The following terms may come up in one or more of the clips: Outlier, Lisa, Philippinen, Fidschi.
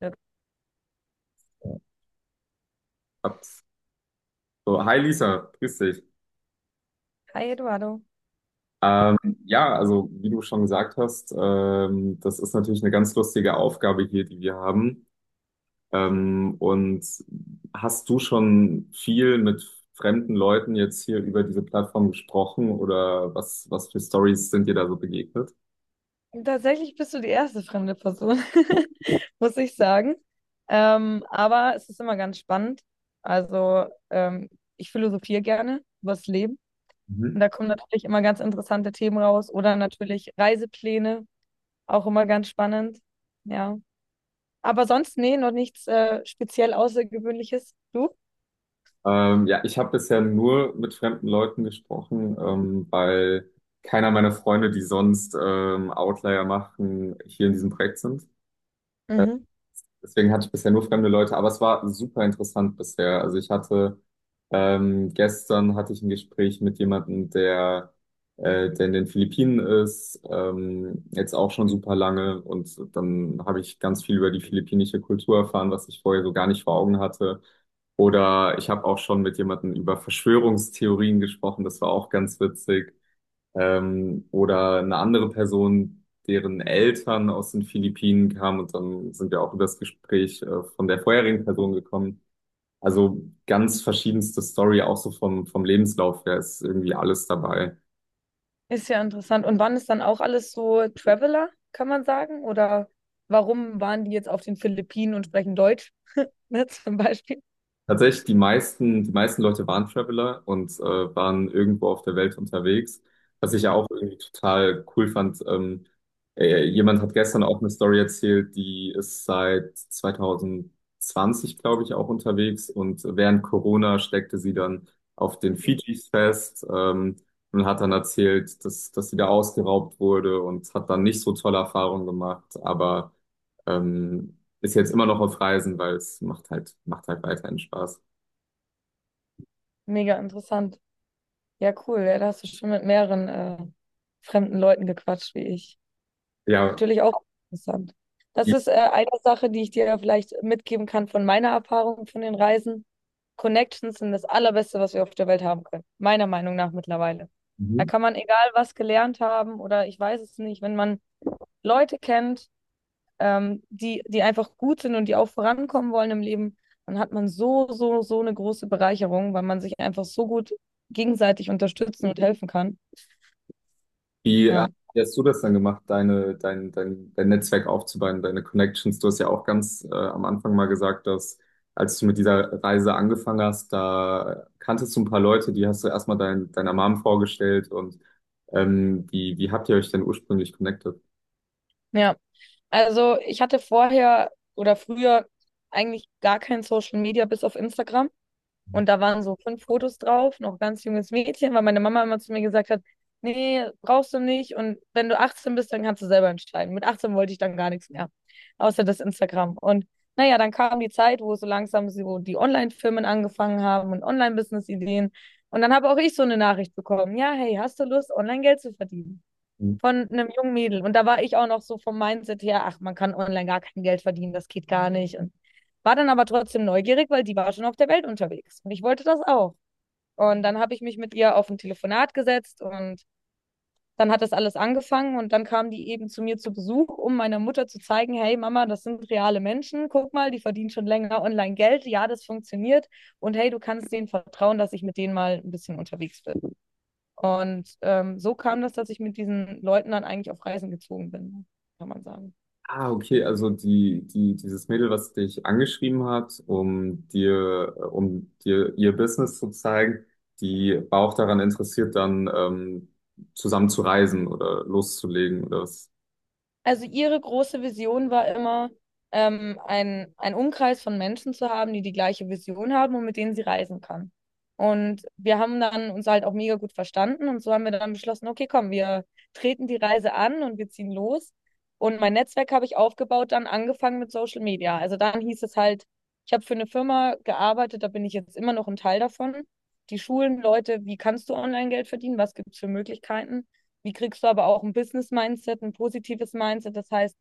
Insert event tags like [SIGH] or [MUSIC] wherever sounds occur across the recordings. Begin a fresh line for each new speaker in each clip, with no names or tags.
Ja,
Ups. So, hi Lisa, grüß dich.
hi Eduardo.
Ähm, ja, also wie du schon gesagt hast, das ist natürlich eine ganz lustige Aufgabe hier, die wir haben. Und hast du schon viel mit fremden Leuten jetzt hier über diese Plattform gesprochen oder was für Stories sind dir da so begegnet?
Tatsächlich bist du die erste fremde Person, [LAUGHS] muss ich sagen. Aber es ist immer ganz spannend. Also ich philosophiere gerne über das Leben.
Mhm.
Und da kommen natürlich immer ganz interessante Themen raus. Oder natürlich Reisepläne, auch immer ganz spannend. Ja. Aber sonst, nee, noch nichts speziell Außergewöhnliches. Du?
Ja, ich habe bisher nur mit fremden Leuten gesprochen, weil keiner meiner Freunde, die sonst Outlier machen, hier in diesem Projekt sind.
Mhm.
Deswegen hatte ich bisher nur fremde Leute, aber es war super interessant bisher. Also ich hatte gestern hatte ich ein Gespräch mit jemandem, der in den Philippinen ist, jetzt auch schon super lange. Und dann habe ich ganz viel über die philippinische Kultur erfahren, was ich vorher so gar nicht vor Augen hatte. Oder ich habe auch schon mit jemandem über Verschwörungstheorien gesprochen, das war auch ganz witzig. Oder eine andere Person, deren Eltern aus den Philippinen kamen und dann sind wir auch über das Gespräch von der vorherigen Person gekommen. Also ganz verschiedenste Story, auch so vom Lebenslauf her ist irgendwie alles dabei.
Ist ja interessant. Und waren es dann auch alles so Traveler, kann man sagen? Oder warum waren die jetzt auf den Philippinen und sprechen Deutsch? Ne, [LAUGHS] zum Beispiel.
Tatsächlich, die meisten Leute waren Traveler und waren irgendwo auf der Welt unterwegs. Was ich ja auch irgendwie total cool fand. Jemand hat gestern auch eine Story erzählt, die ist seit 2020, glaube ich, auch unterwegs. Und während Corona steckte sie dann auf den Fidschis fest, und hat dann erzählt, dass sie da ausgeraubt wurde und hat dann nicht so tolle Erfahrungen gemacht. Aber. Ähm, ist jetzt immer noch auf Reisen, weil es macht halt weiterhin Spaß.
Mega interessant. Ja, cool. Ja, da hast du schon mit mehreren fremden Leuten gequatscht wie ich.
Ja.
Natürlich auch interessant. Das
Wie,
ist eine Sache, die ich dir ja vielleicht mitgeben kann von meiner Erfahrung von den Reisen. Connections sind das Allerbeste, was wir auf der Welt haben können. Meiner Meinung nach mittlerweile. Da
mhm.
kann man egal was gelernt haben oder ich weiß es nicht, wenn man Leute kennt, die, die einfach gut sind und die auch vorankommen wollen im Leben, dann hat man so, so, so eine große Bereicherung, weil man sich einfach so gut gegenseitig unterstützen und helfen kann.
wie
Ja,
wie hast du das dann gemacht, dein Netzwerk aufzubauen, deine Connections? Du hast ja auch ganz am Anfang mal gesagt, dass als du mit dieser Reise angefangen hast, da kanntest du ein paar Leute, die hast du erstmal deiner Mom vorgestellt und wie habt ihr euch denn ursprünglich connected?
ja. Also ich hatte vorher oder früher eigentlich gar kein Social Media bis auf Instagram. Und da waren so 5 Fotos drauf, noch ganz junges Mädchen, weil meine Mama immer zu mir gesagt hat, nee, brauchst du nicht. Und wenn du 18 bist, dann kannst du selber entscheiden. Mit 18 wollte ich dann gar nichts mehr, außer das Instagram. Und naja, dann kam die Zeit, wo so langsam so die Online-Firmen angefangen haben und Online-Business-Ideen. Und dann habe auch ich so eine Nachricht bekommen. Ja, hey, hast du Lust, Online-Geld zu verdienen? Von einem jungen Mädel. Und da war ich auch noch so vom Mindset her, ach, man kann online gar kein Geld verdienen, das geht gar nicht. Und war dann aber trotzdem neugierig, weil die war schon auf der Welt unterwegs. Und ich wollte das auch. Und dann habe ich mich mit ihr auf ein Telefonat gesetzt und dann hat das alles angefangen und dann kam die eben zu mir zu Besuch, um meiner Mutter zu zeigen, hey Mama, das sind reale Menschen, guck mal, die verdienen schon länger online Geld, ja, das funktioniert und hey, du kannst denen vertrauen, dass ich mit denen mal ein bisschen unterwegs bin. Und so kam das, dass ich mit diesen Leuten dann eigentlich auf Reisen gezogen bin, kann man sagen.
Ah, okay, also dieses Mädel, was dich angeschrieben hat, um um dir ihr Business zu zeigen, die war auch daran interessiert, dann zusammen zu reisen oder loszulegen. Oder was?
Also ihre große Vision war immer, ein Umkreis von Menschen zu haben, die die gleiche Vision haben und mit denen sie reisen kann. Und wir haben dann uns halt auch mega gut verstanden und so haben wir dann beschlossen, okay, komm, wir treten die Reise an und wir ziehen los. Und mein Netzwerk habe ich aufgebaut, dann angefangen mit Social Media. Also dann hieß es halt, ich habe für eine Firma gearbeitet, da bin ich jetzt immer noch ein Teil davon. Die schulen Leute, wie kannst du Online-Geld verdienen? Was gibt es für Möglichkeiten? Wie kriegst du aber auch ein Business-Mindset, ein positives Mindset? Das heißt,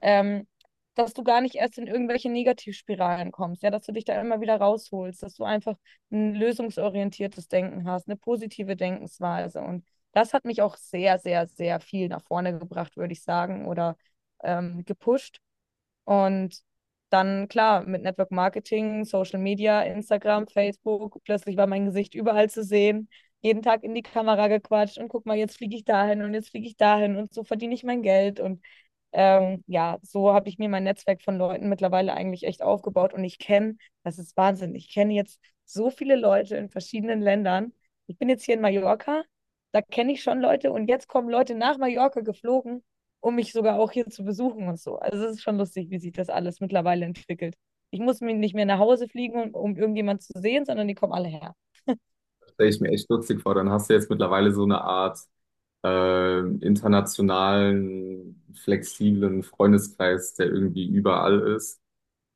ähm, dass du gar nicht erst in irgendwelche Negativspiralen kommst, ja, dass du dich da immer wieder rausholst, dass du einfach ein lösungsorientiertes Denken hast, eine positive Denkensweise. Und das hat mich auch sehr, sehr, sehr viel nach vorne gebracht, würde ich sagen, oder gepusht. Und dann, klar, mit Network Marketing, Social Media, Instagram, Facebook, plötzlich war mein Gesicht überall zu sehen, jeden Tag in die Kamera gequatscht und guck mal, jetzt fliege ich dahin und jetzt fliege ich dahin und so verdiene ich mein Geld. Und ja, so habe ich mir mein Netzwerk von Leuten mittlerweile eigentlich echt aufgebaut und ich kenne, das ist Wahnsinn, ich kenne jetzt so viele Leute in verschiedenen Ländern. Ich bin jetzt hier in Mallorca, da kenne ich schon Leute und jetzt kommen Leute nach Mallorca geflogen um mich sogar auch hier zu besuchen und so. Also es ist schon lustig, wie sich das alles mittlerweile entwickelt. Ich muss mir nicht mehr nach Hause fliegen, um, um irgendjemand zu sehen, sondern die kommen alle her.
Das stelle ich mir echt lustig vor. Dann hast du jetzt mittlerweile so eine Art äh, internationalen, flexiblen Freundeskreis, der irgendwie überall ist.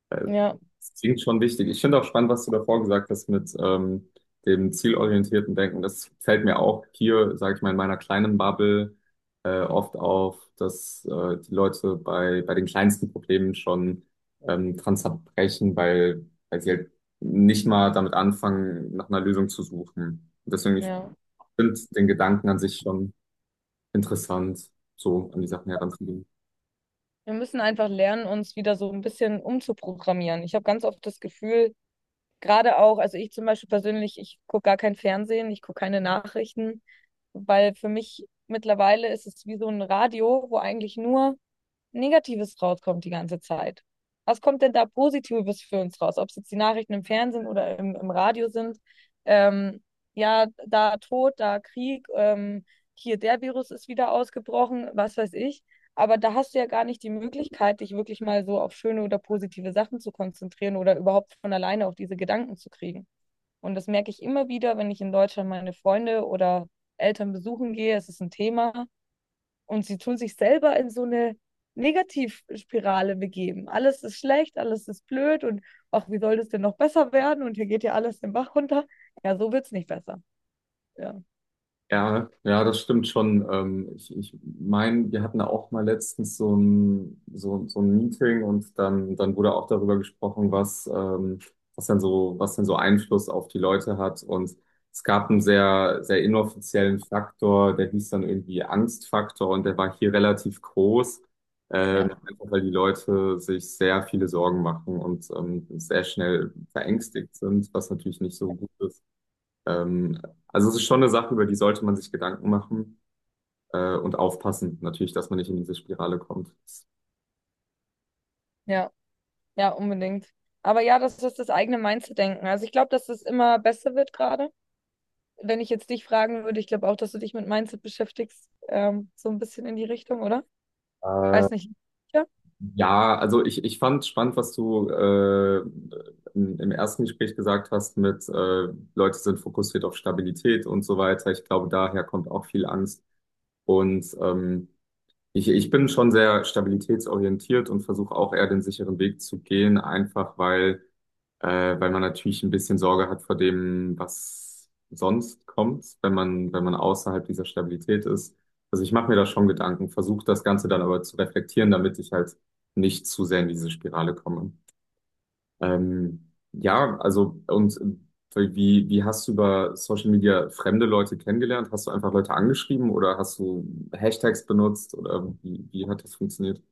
Äh,
Ja,
Das klingt schon wichtig. Ich finde auch spannend, was du davor gesagt hast mit dem zielorientierten Denken. Das fällt mir auch hier, sage ich mal, in meiner kleinen Bubble oft auf, dass die Leute bei den kleinsten Problemen schon dran zerbrechen, weil sie halt nicht mal damit anfangen, nach einer Lösung zu suchen. Und deswegen, ich
ja.
finde den Gedanken an sich schon interessant, so an die Sachen heranzugehen.
Wir müssen einfach lernen, uns wieder so ein bisschen umzuprogrammieren. Ich habe ganz oft das Gefühl, gerade auch, also ich zum Beispiel persönlich, ich gucke gar kein Fernsehen, ich gucke keine Nachrichten, weil für mich mittlerweile ist es wie so ein Radio, wo eigentlich nur Negatives rauskommt die ganze Zeit. Was kommt denn da Positives für uns raus? Ob es jetzt die Nachrichten im Fernsehen oder im, im Radio sind. Ähm, ja, da Tod, da Krieg, hier der Virus ist wieder ausgebrochen, was weiß ich. Aber da hast du ja gar nicht die Möglichkeit, dich wirklich mal so auf schöne oder positive Sachen zu konzentrieren oder überhaupt von alleine auf diese Gedanken zu kriegen. Und das merke ich immer wieder, wenn ich in Deutschland meine Freunde oder Eltern besuchen gehe. Es ist ein Thema. Und sie tun sich selber in so eine Negativspirale begeben. Alles ist schlecht, alles ist blöd und ach, wie soll das denn noch besser werden? Und hier geht ja alles den Bach runter. Ja, so wird es nicht besser. Ja,
Ja, ja, das stimmt schon. Ich meine, wir hatten da auch mal letztens so ein Meeting und dann wurde auch darüber gesprochen, was denn so Einfluss auf die Leute hat. Und es gab einen sehr inoffiziellen Faktor, der hieß dann irgendwie Angstfaktor und der war hier relativ groß,
ja,
einfach weil die Leute sich sehr viele Sorgen machen und sehr schnell verängstigt sind, was natürlich nicht so gut ist. Ähm, also es ist schon eine Sache, über die sollte man sich Gedanken machen und aufpassen, natürlich, dass man nicht in diese Spirale kommt.
ja, ja, unbedingt. Aber ja, das ist das eigene Mindset-Denken. Also ich glaube, dass es immer besser wird gerade. Wenn ich jetzt dich fragen würde, ich glaube auch, dass du dich mit Mindset beschäftigst, so ein bisschen in die Richtung, oder?
Äh,
Weiß nicht. Ja.
ja, also ich fand spannend, was du im ersten Gespräch gesagt hast mit Leute sind fokussiert auf Stabilität und so weiter. Ich glaube, daher kommt auch viel Angst. Und ich bin schon sehr stabilitätsorientiert und versuche auch eher den sicheren Weg zu gehen, einfach weil weil man natürlich ein bisschen Sorge hat vor dem, was sonst kommt, wenn wenn man außerhalb dieser Stabilität ist. Also ich mache mir da schon Gedanken, versuche das Ganze dann aber zu reflektieren, damit ich halt nicht zu sehr in diese Spirale komme. Ja, also und wie hast du über Social Media fremde Leute kennengelernt? Hast du einfach Leute angeschrieben oder hast du Hashtags benutzt oder wie hat das funktioniert?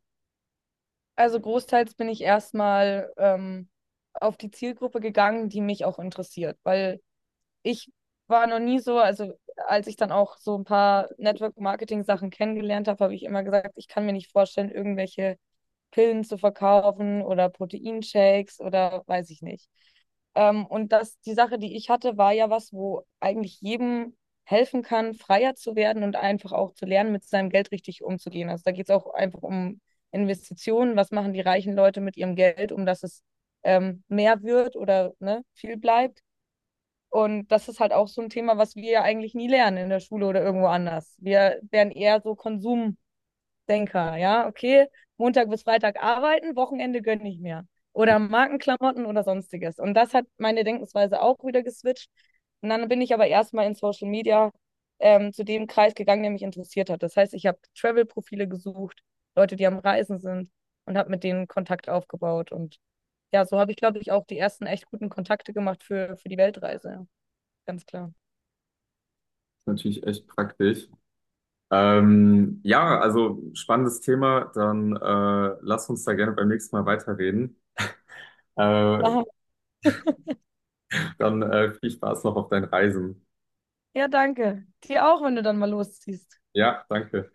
Also großteils bin ich erstmal auf die Zielgruppe gegangen, die mich auch interessiert, weil ich war noch nie so, also als ich dann auch so ein paar Network-Marketing-Sachen kennengelernt habe, habe ich immer gesagt, ich kann mir nicht vorstellen, irgendwelche Pillen zu verkaufen oder Proteinshakes oder weiß ich nicht. Und das, die Sache, die ich hatte, war ja was, wo eigentlich jedem helfen kann, freier zu werden und einfach auch zu lernen, mit seinem Geld richtig umzugehen. Also da geht es auch einfach um Investitionen. Was machen die reichen Leute mit ihrem Geld, um dass es mehr wird oder ne, viel bleibt? Und das ist halt auch so ein Thema, was wir ja eigentlich nie lernen in der Schule oder irgendwo anders. Wir werden eher so Konsumdenker, ja, okay, Montag bis Freitag arbeiten, Wochenende gönne ich mir. Oder Markenklamotten oder sonstiges. Und das hat meine Denkensweise auch wieder geswitcht. Und dann bin ich aber erstmal in Social Media zu dem Kreis gegangen, der mich interessiert hat. Das heißt, ich habe Travel-Profile gesucht, Leute, die am Reisen sind und habe mit denen Kontakt aufgebaut. Und ja, so habe ich, glaube ich, auch die ersten echt guten Kontakte gemacht für die Weltreise. Ja. Ganz klar.
Natürlich echt praktisch. Ja, also spannendes Thema. Dann lass uns da gerne beim nächsten Mal weiterreden. Äh,
Machen.
dann viel Spaß noch auf deinen Reisen.
Wir. Ja, danke. Dir auch, wenn du dann mal losziehst.
Ja, danke.